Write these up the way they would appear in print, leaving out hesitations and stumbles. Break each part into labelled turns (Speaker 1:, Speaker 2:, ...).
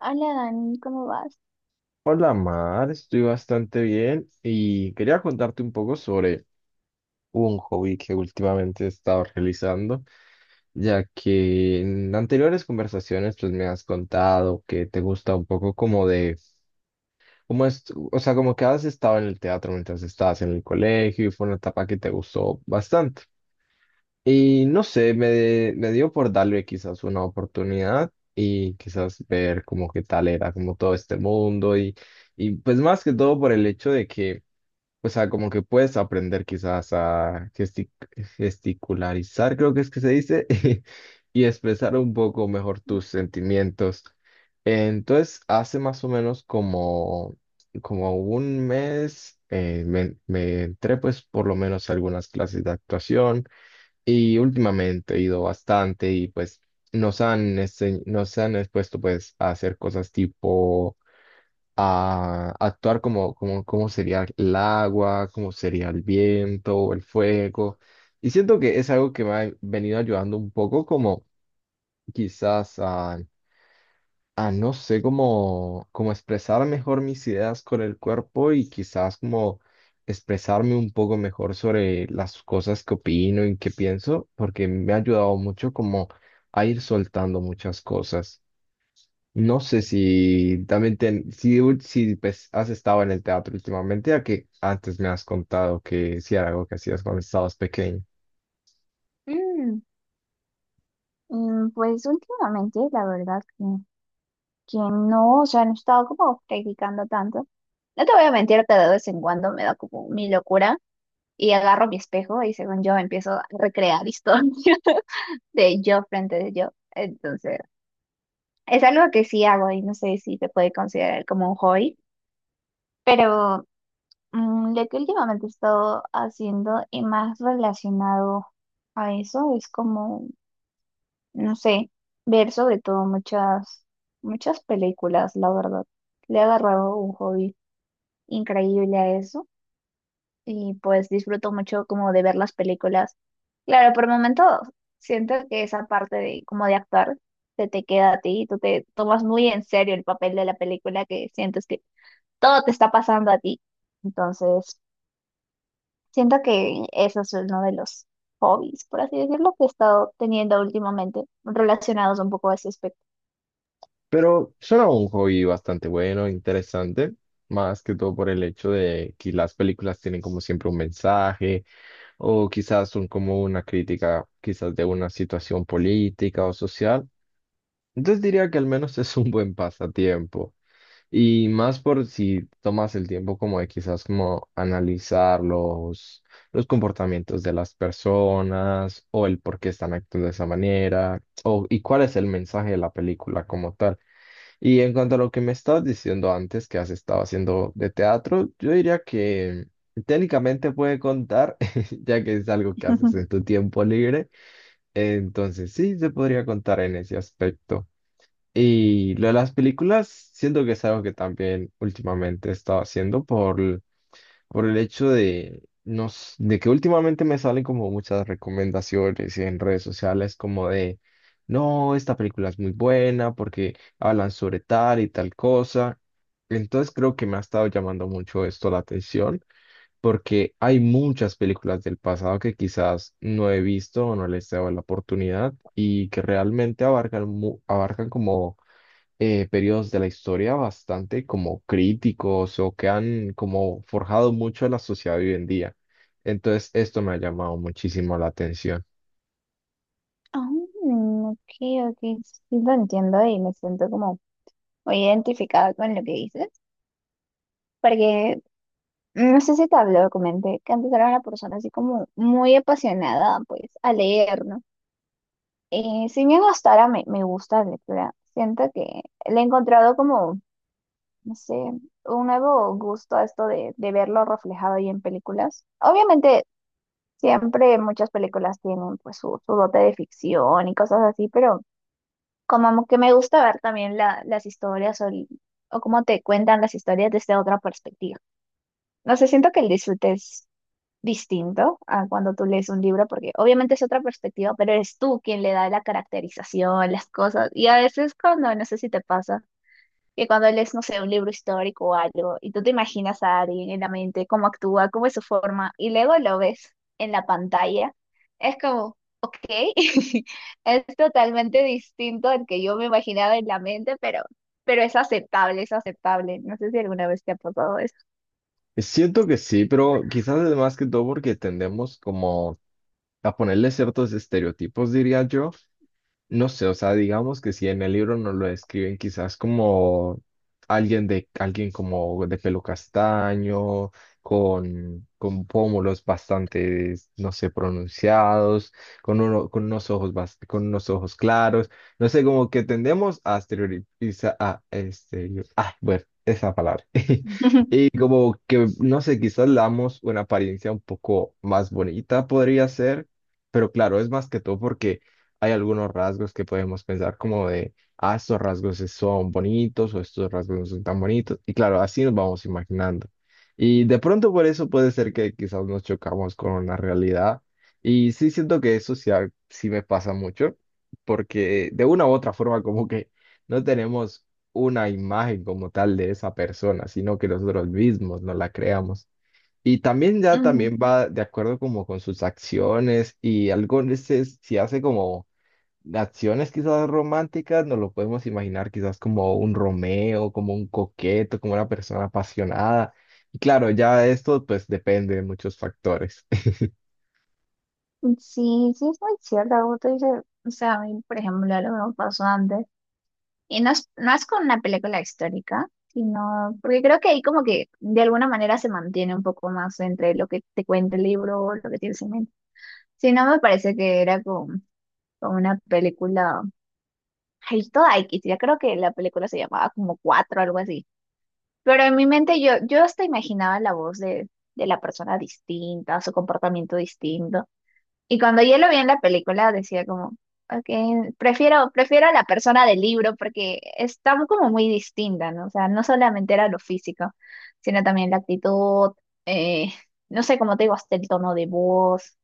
Speaker 1: Hola Dani, ¿cómo vas?
Speaker 2: Hola Mar, estoy bastante bien y quería contarte un poco sobre un hobby que últimamente he estado realizando, ya que en anteriores conversaciones pues me has contado que te gusta un poco como de, como es, o sea, como que has estado en el teatro mientras estabas en el colegio y fue una etapa que te gustó bastante. Y no sé, me dio por darle quizás una oportunidad y quizás ver como qué tal era como todo este mundo. Y... Y pues más que todo por el hecho de que, o sea, como que puedes aprender quizás a gesticularizar, creo que es que se dice, y expresar un poco mejor tus sentimientos. Entonces, hace más o menos como, como un mes me entré pues por lo menos a algunas clases de actuación y últimamente he ido bastante, y pues nos han, nos han expuesto pues a hacer cosas tipo a actuar como, como sería el agua, como sería el viento, o el fuego. Y siento que es algo que me ha venido ayudando un poco como quizás a, no sé, como, expresar mejor mis ideas con el cuerpo y quizás como expresarme un poco mejor sobre las cosas que opino y que pienso, porque me ha ayudado mucho como a ir soltando muchas cosas. No sé si también ten- si, u- si pues, has estado en el teatro últimamente, ya que antes me has contado que sí era algo que hacías cuando estabas pequeño.
Speaker 1: Mm, pues últimamente, la verdad que no, o sea, no he estado como practicando tanto. No te voy a mentir que de vez en cuando me da como mi locura y agarro mi espejo y según yo empiezo a recrear historias de yo frente de yo. Entonces, es algo que sí hago y no sé si se puede considerar como un hobby, pero lo que últimamente he estado haciendo y más relacionado a eso es como... no sé, ver sobre todo muchas películas, la verdad. Le he agarrado un hobby increíble a eso y pues disfruto mucho como de ver las películas. Claro, por momentos siento que esa parte de como de actuar se te queda a ti y tú te tomas muy en serio el papel de la película que sientes que todo te está pasando a ti. Entonces, siento que eso es uno de los hobbies, por así decirlo, que he estado teniendo últimamente relacionados un poco a ese aspecto.
Speaker 2: Pero suena un hobby bastante bueno, interesante, más que todo por el hecho de que las películas tienen como siempre un mensaje o quizás son como una crítica quizás de una situación política o social. Entonces diría que al menos es un buen pasatiempo. Y más por si tomas el tiempo como de quizás como analizar los comportamientos de las personas o el por qué están actuando de esa manera o, y cuál es el mensaje de la película como tal. Y en cuanto a lo que me estabas diciendo antes que has estado haciendo de teatro, yo diría que técnicamente puede contar, ya que es algo que haces en tu tiempo libre. Entonces sí, se podría contar en ese aspecto. Y lo de las películas, siento que es algo que también últimamente he estado haciendo por el hecho de, no, s- de que últimamente me salen como muchas recomendaciones en redes sociales como de, no, esta película es muy buena porque hablan sobre tal y tal cosa. Entonces creo que me ha estado llamando mucho esto la atención porque hay muchas películas del pasado que quizás no he visto o no les he dado la oportunidad y que realmente abarcan como periodos de la historia bastante como críticos o que han como forjado mucho a la sociedad de hoy en día. Entonces, esto me ha llamado muchísimo la atención.
Speaker 1: Ah, ok, ok, sí lo entiendo y me siento como muy identificada con lo que dices, porque no sé si te habló, comenté que antes era una persona así como muy apasionada pues a leer, ¿no? Si bien hasta ahora me gusta la lectura, siento que le he encontrado como, no sé, un nuevo gusto a esto de verlo reflejado ahí en películas. Obviamente siempre muchas películas tienen pues su dote de ficción y cosas así, pero... como que me gusta ver también las historias o, o cómo te cuentan las historias desde otra perspectiva. No sé, siento que el disfrute es distinto a cuando tú lees un libro, porque obviamente es otra perspectiva, pero eres tú quien le da la caracterización, las cosas. Y a veces cuando, no sé si te pasa que cuando lees, no sé, un libro histórico o algo, y tú te imaginas a alguien en la mente, cómo actúa, cómo es su forma, y luego lo ves en la pantalla, es como, ok, es totalmente distinto al que yo me imaginaba en la mente, pero es aceptable, es aceptable. No sé si alguna vez te ha pasado eso.
Speaker 2: Siento que sí, pero quizás es más que todo porque tendemos como a ponerle ciertos estereotipos, diría yo. No sé, o sea, digamos que si en el libro nos lo describen quizás como alguien como de pelo castaño, con pómulos bastante, no sé, pronunciados, con unos ojos claros, no sé, como que tendemos a exteriorizar, a este, ah, bueno, esa palabra. Sí, como que, no sé, quizás le damos una apariencia un poco más bonita, podría ser, pero claro, es más que todo porque hay algunos rasgos que podemos pensar como de, ah, son bonitos o estos rasgos no son tan bonitos, y claro, así nos vamos imaginando. Y de pronto por eso puede ser que quizás nos chocamos con la realidad, y sí siento que eso sí, sí me pasa mucho, porque de una u otra forma como que no tenemos una imagen como tal de esa persona, sino que nosotros mismos nos la creamos. Y también ya
Speaker 1: Ujú.
Speaker 2: también va de acuerdo como con sus acciones, y algo veces si hace como acciones quizás románticas, nos lo podemos imaginar quizás como un Romeo, como un coqueto, como una persona apasionada. Y claro, ya esto pues depende de muchos factores.
Speaker 1: Sí, sí, es muy cierto. Como tú dices, o sea, a mí, por ejemplo, algo que me pasó antes. Y no no es con una película histórica, sino porque creo que ahí como que de alguna manera se mantiene un poco más entre lo que te cuenta el libro o lo que tienes en mente. Si no, me parece que era con una película, ay, toda X, ya creo que la película se llamaba como Cuatro, algo así. Pero en mi mente yo hasta imaginaba la voz de la persona distinta, su comportamiento distinto. Y cuando yo lo vi en la película decía como, ok, prefiero, prefiero a la persona del libro porque está como muy distinta, ¿no? O sea, no solamente era lo físico, sino también la actitud, eh, no sé, cómo te digo, hasta el tono de voz,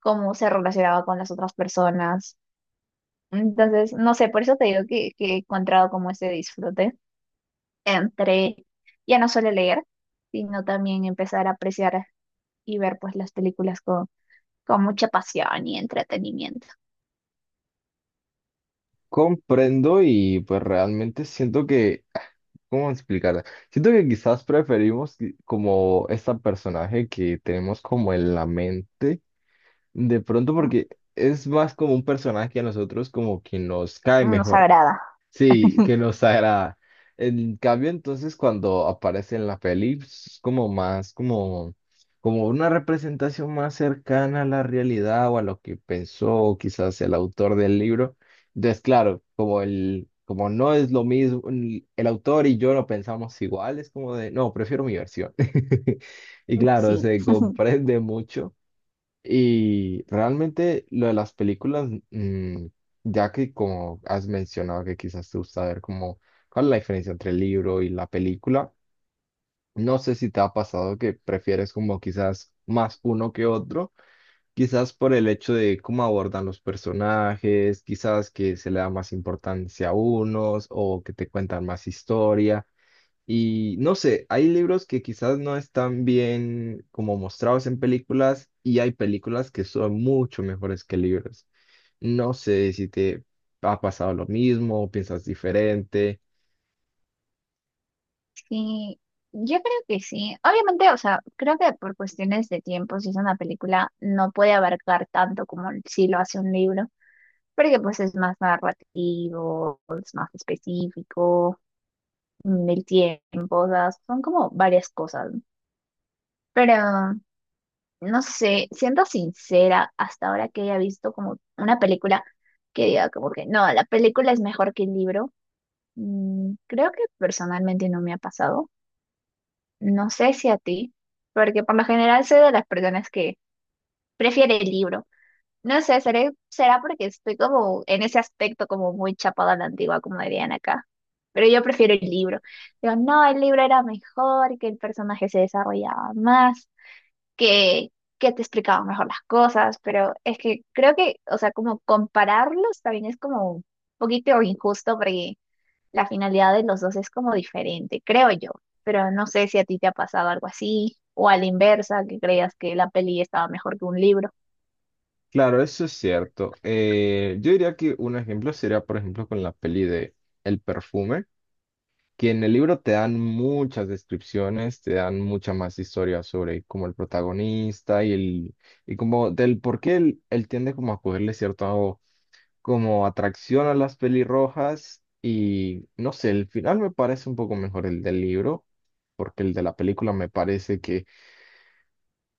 Speaker 1: cómo se relacionaba con las otras personas. Entonces, no sé, por eso te digo que he encontrado como ese disfrute entre ya no solo leer, sino también empezar a apreciar y ver pues las películas con mucha pasión y entretenimiento.
Speaker 2: Comprendo, y pues realmente siento que, ah, ¿cómo explicarla? Siento que quizás como este personaje que tenemos como en la mente, de pronto
Speaker 1: ¿No?
Speaker 2: porque es más como un personaje que a nosotros como que nos cae
Speaker 1: Nos
Speaker 2: mejor.
Speaker 1: agrada.
Speaker 2: Sí, que nos agrada. En cambio, entonces, cuando aparece en la peli, pues, es como más, como una representación más cercana a la realidad o a lo que pensó quizás el autor del libro. Entonces, claro, como no es lo mismo, el autor y yo lo pensamos igual, es como de, no, prefiero mi versión. Y claro,
Speaker 1: Sí,
Speaker 2: se comprende mucho. Y realmente lo de las películas, ya que como has mencionado que quizás te gusta ver como cuál es la diferencia entre el libro y la película, no sé si te ha pasado que prefieres como quizás más uno que otro, quizás por el hecho de cómo abordan los personajes, quizás que se le da más importancia a unos o que te cuentan más historia. Y no sé, hay libros que quizás no están bien como mostrados en películas y hay películas que son mucho mejores que libros. No sé si te ha pasado lo mismo o piensas diferente.
Speaker 1: sí, yo creo que sí. Obviamente, o sea, creo que por cuestiones de tiempo, si es una película, no puede abarcar tanto como si lo hace un libro, porque pues es más narrativo, es más específico, el tiempo, o sea, son como varias cosas. ¿No? Pero, no sé, siendo sincera, hasta ahora que haya visto como una película que diga como que no, la película es mejor que el libro, creo que personalmente no me ha pasado. No sé si a ti, porque por lo general soy de las personas que prefiere el libro. No sé, será porque estoy como en ese aspecto como muy chapada a la antigua, como dirían acá. Pero yo prefiero el libro. Digo, no, el libro era mejor, que el personaje se desarrollaba más, que, que te explicaba mejor las cosas, pero es que creo que, o sea, como compararlos también es como un poquito injusto porque la finalidad de los dos es como diferente, creo yo. Pero no sé si a ti te ha pasado algo así, o a la inversa, que creas que la peli estaba mejor que un libro.
Speaker 2: Claro, eso es cierto. Yo diría que un ejemplo sería, por ejemplo, con la peli de El perfume, que en el libro te dan muchas descripciones, te dan mucha más historia sobre como el protagonista y como del por qué él tiende como a cogerle cierto como atracción a las pelirrojas, y no sé, el final me parece un poco mejor el del libro, porque el de la película me parece que,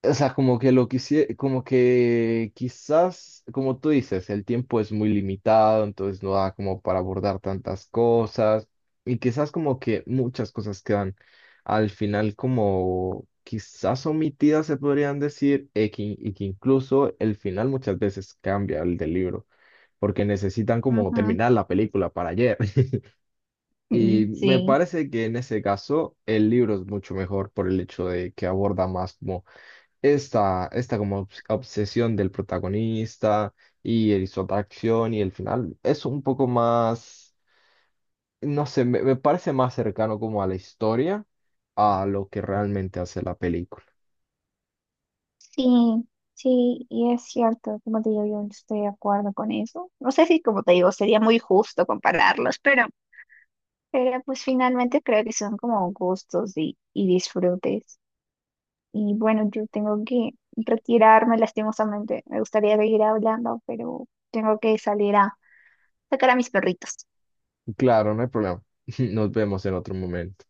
Speaker 2: o sea, como que lo quisiera, como que quizás, como tú dices, el tiempo es muy limitado, entonces no da como para abordar tantas cosas, y quizás como que muchas cosas quedan al final como quizás omitidas, se podrían decir, y que incluso el final muchas veces cambia el del libro porque necesitan como
Speaker 1: Ujú.
Speaker 2: terminar la película para ayer. Y
Speaker 1: Mm,
Speaker 2: me
Speaker 1: sí.
Speaker 2: parece que en ese caso el libro es mucho mejor por el hecho de que aborda más como esta como obsesión del protagonista y su atracción y el final. Es un poco más, no sé, me parece más cercano como a la historia, a lo que realmente hace la película.
Speaker 1: Sí, sí, y es cierto, como te digo, yo no estoy de acuerdo con eso. No sé si, como te digo, sería muy justo compararlos, pero pues finalmente creo que son como gustos y disfrutes. Y bueno, yo tengo que retirarme lastimosamente. Me gustaría seguir hablando, pero tengo que salir a sacar a mis perritos
Speaker 2: Claro, no hay problema. Nos vemos en otro momento.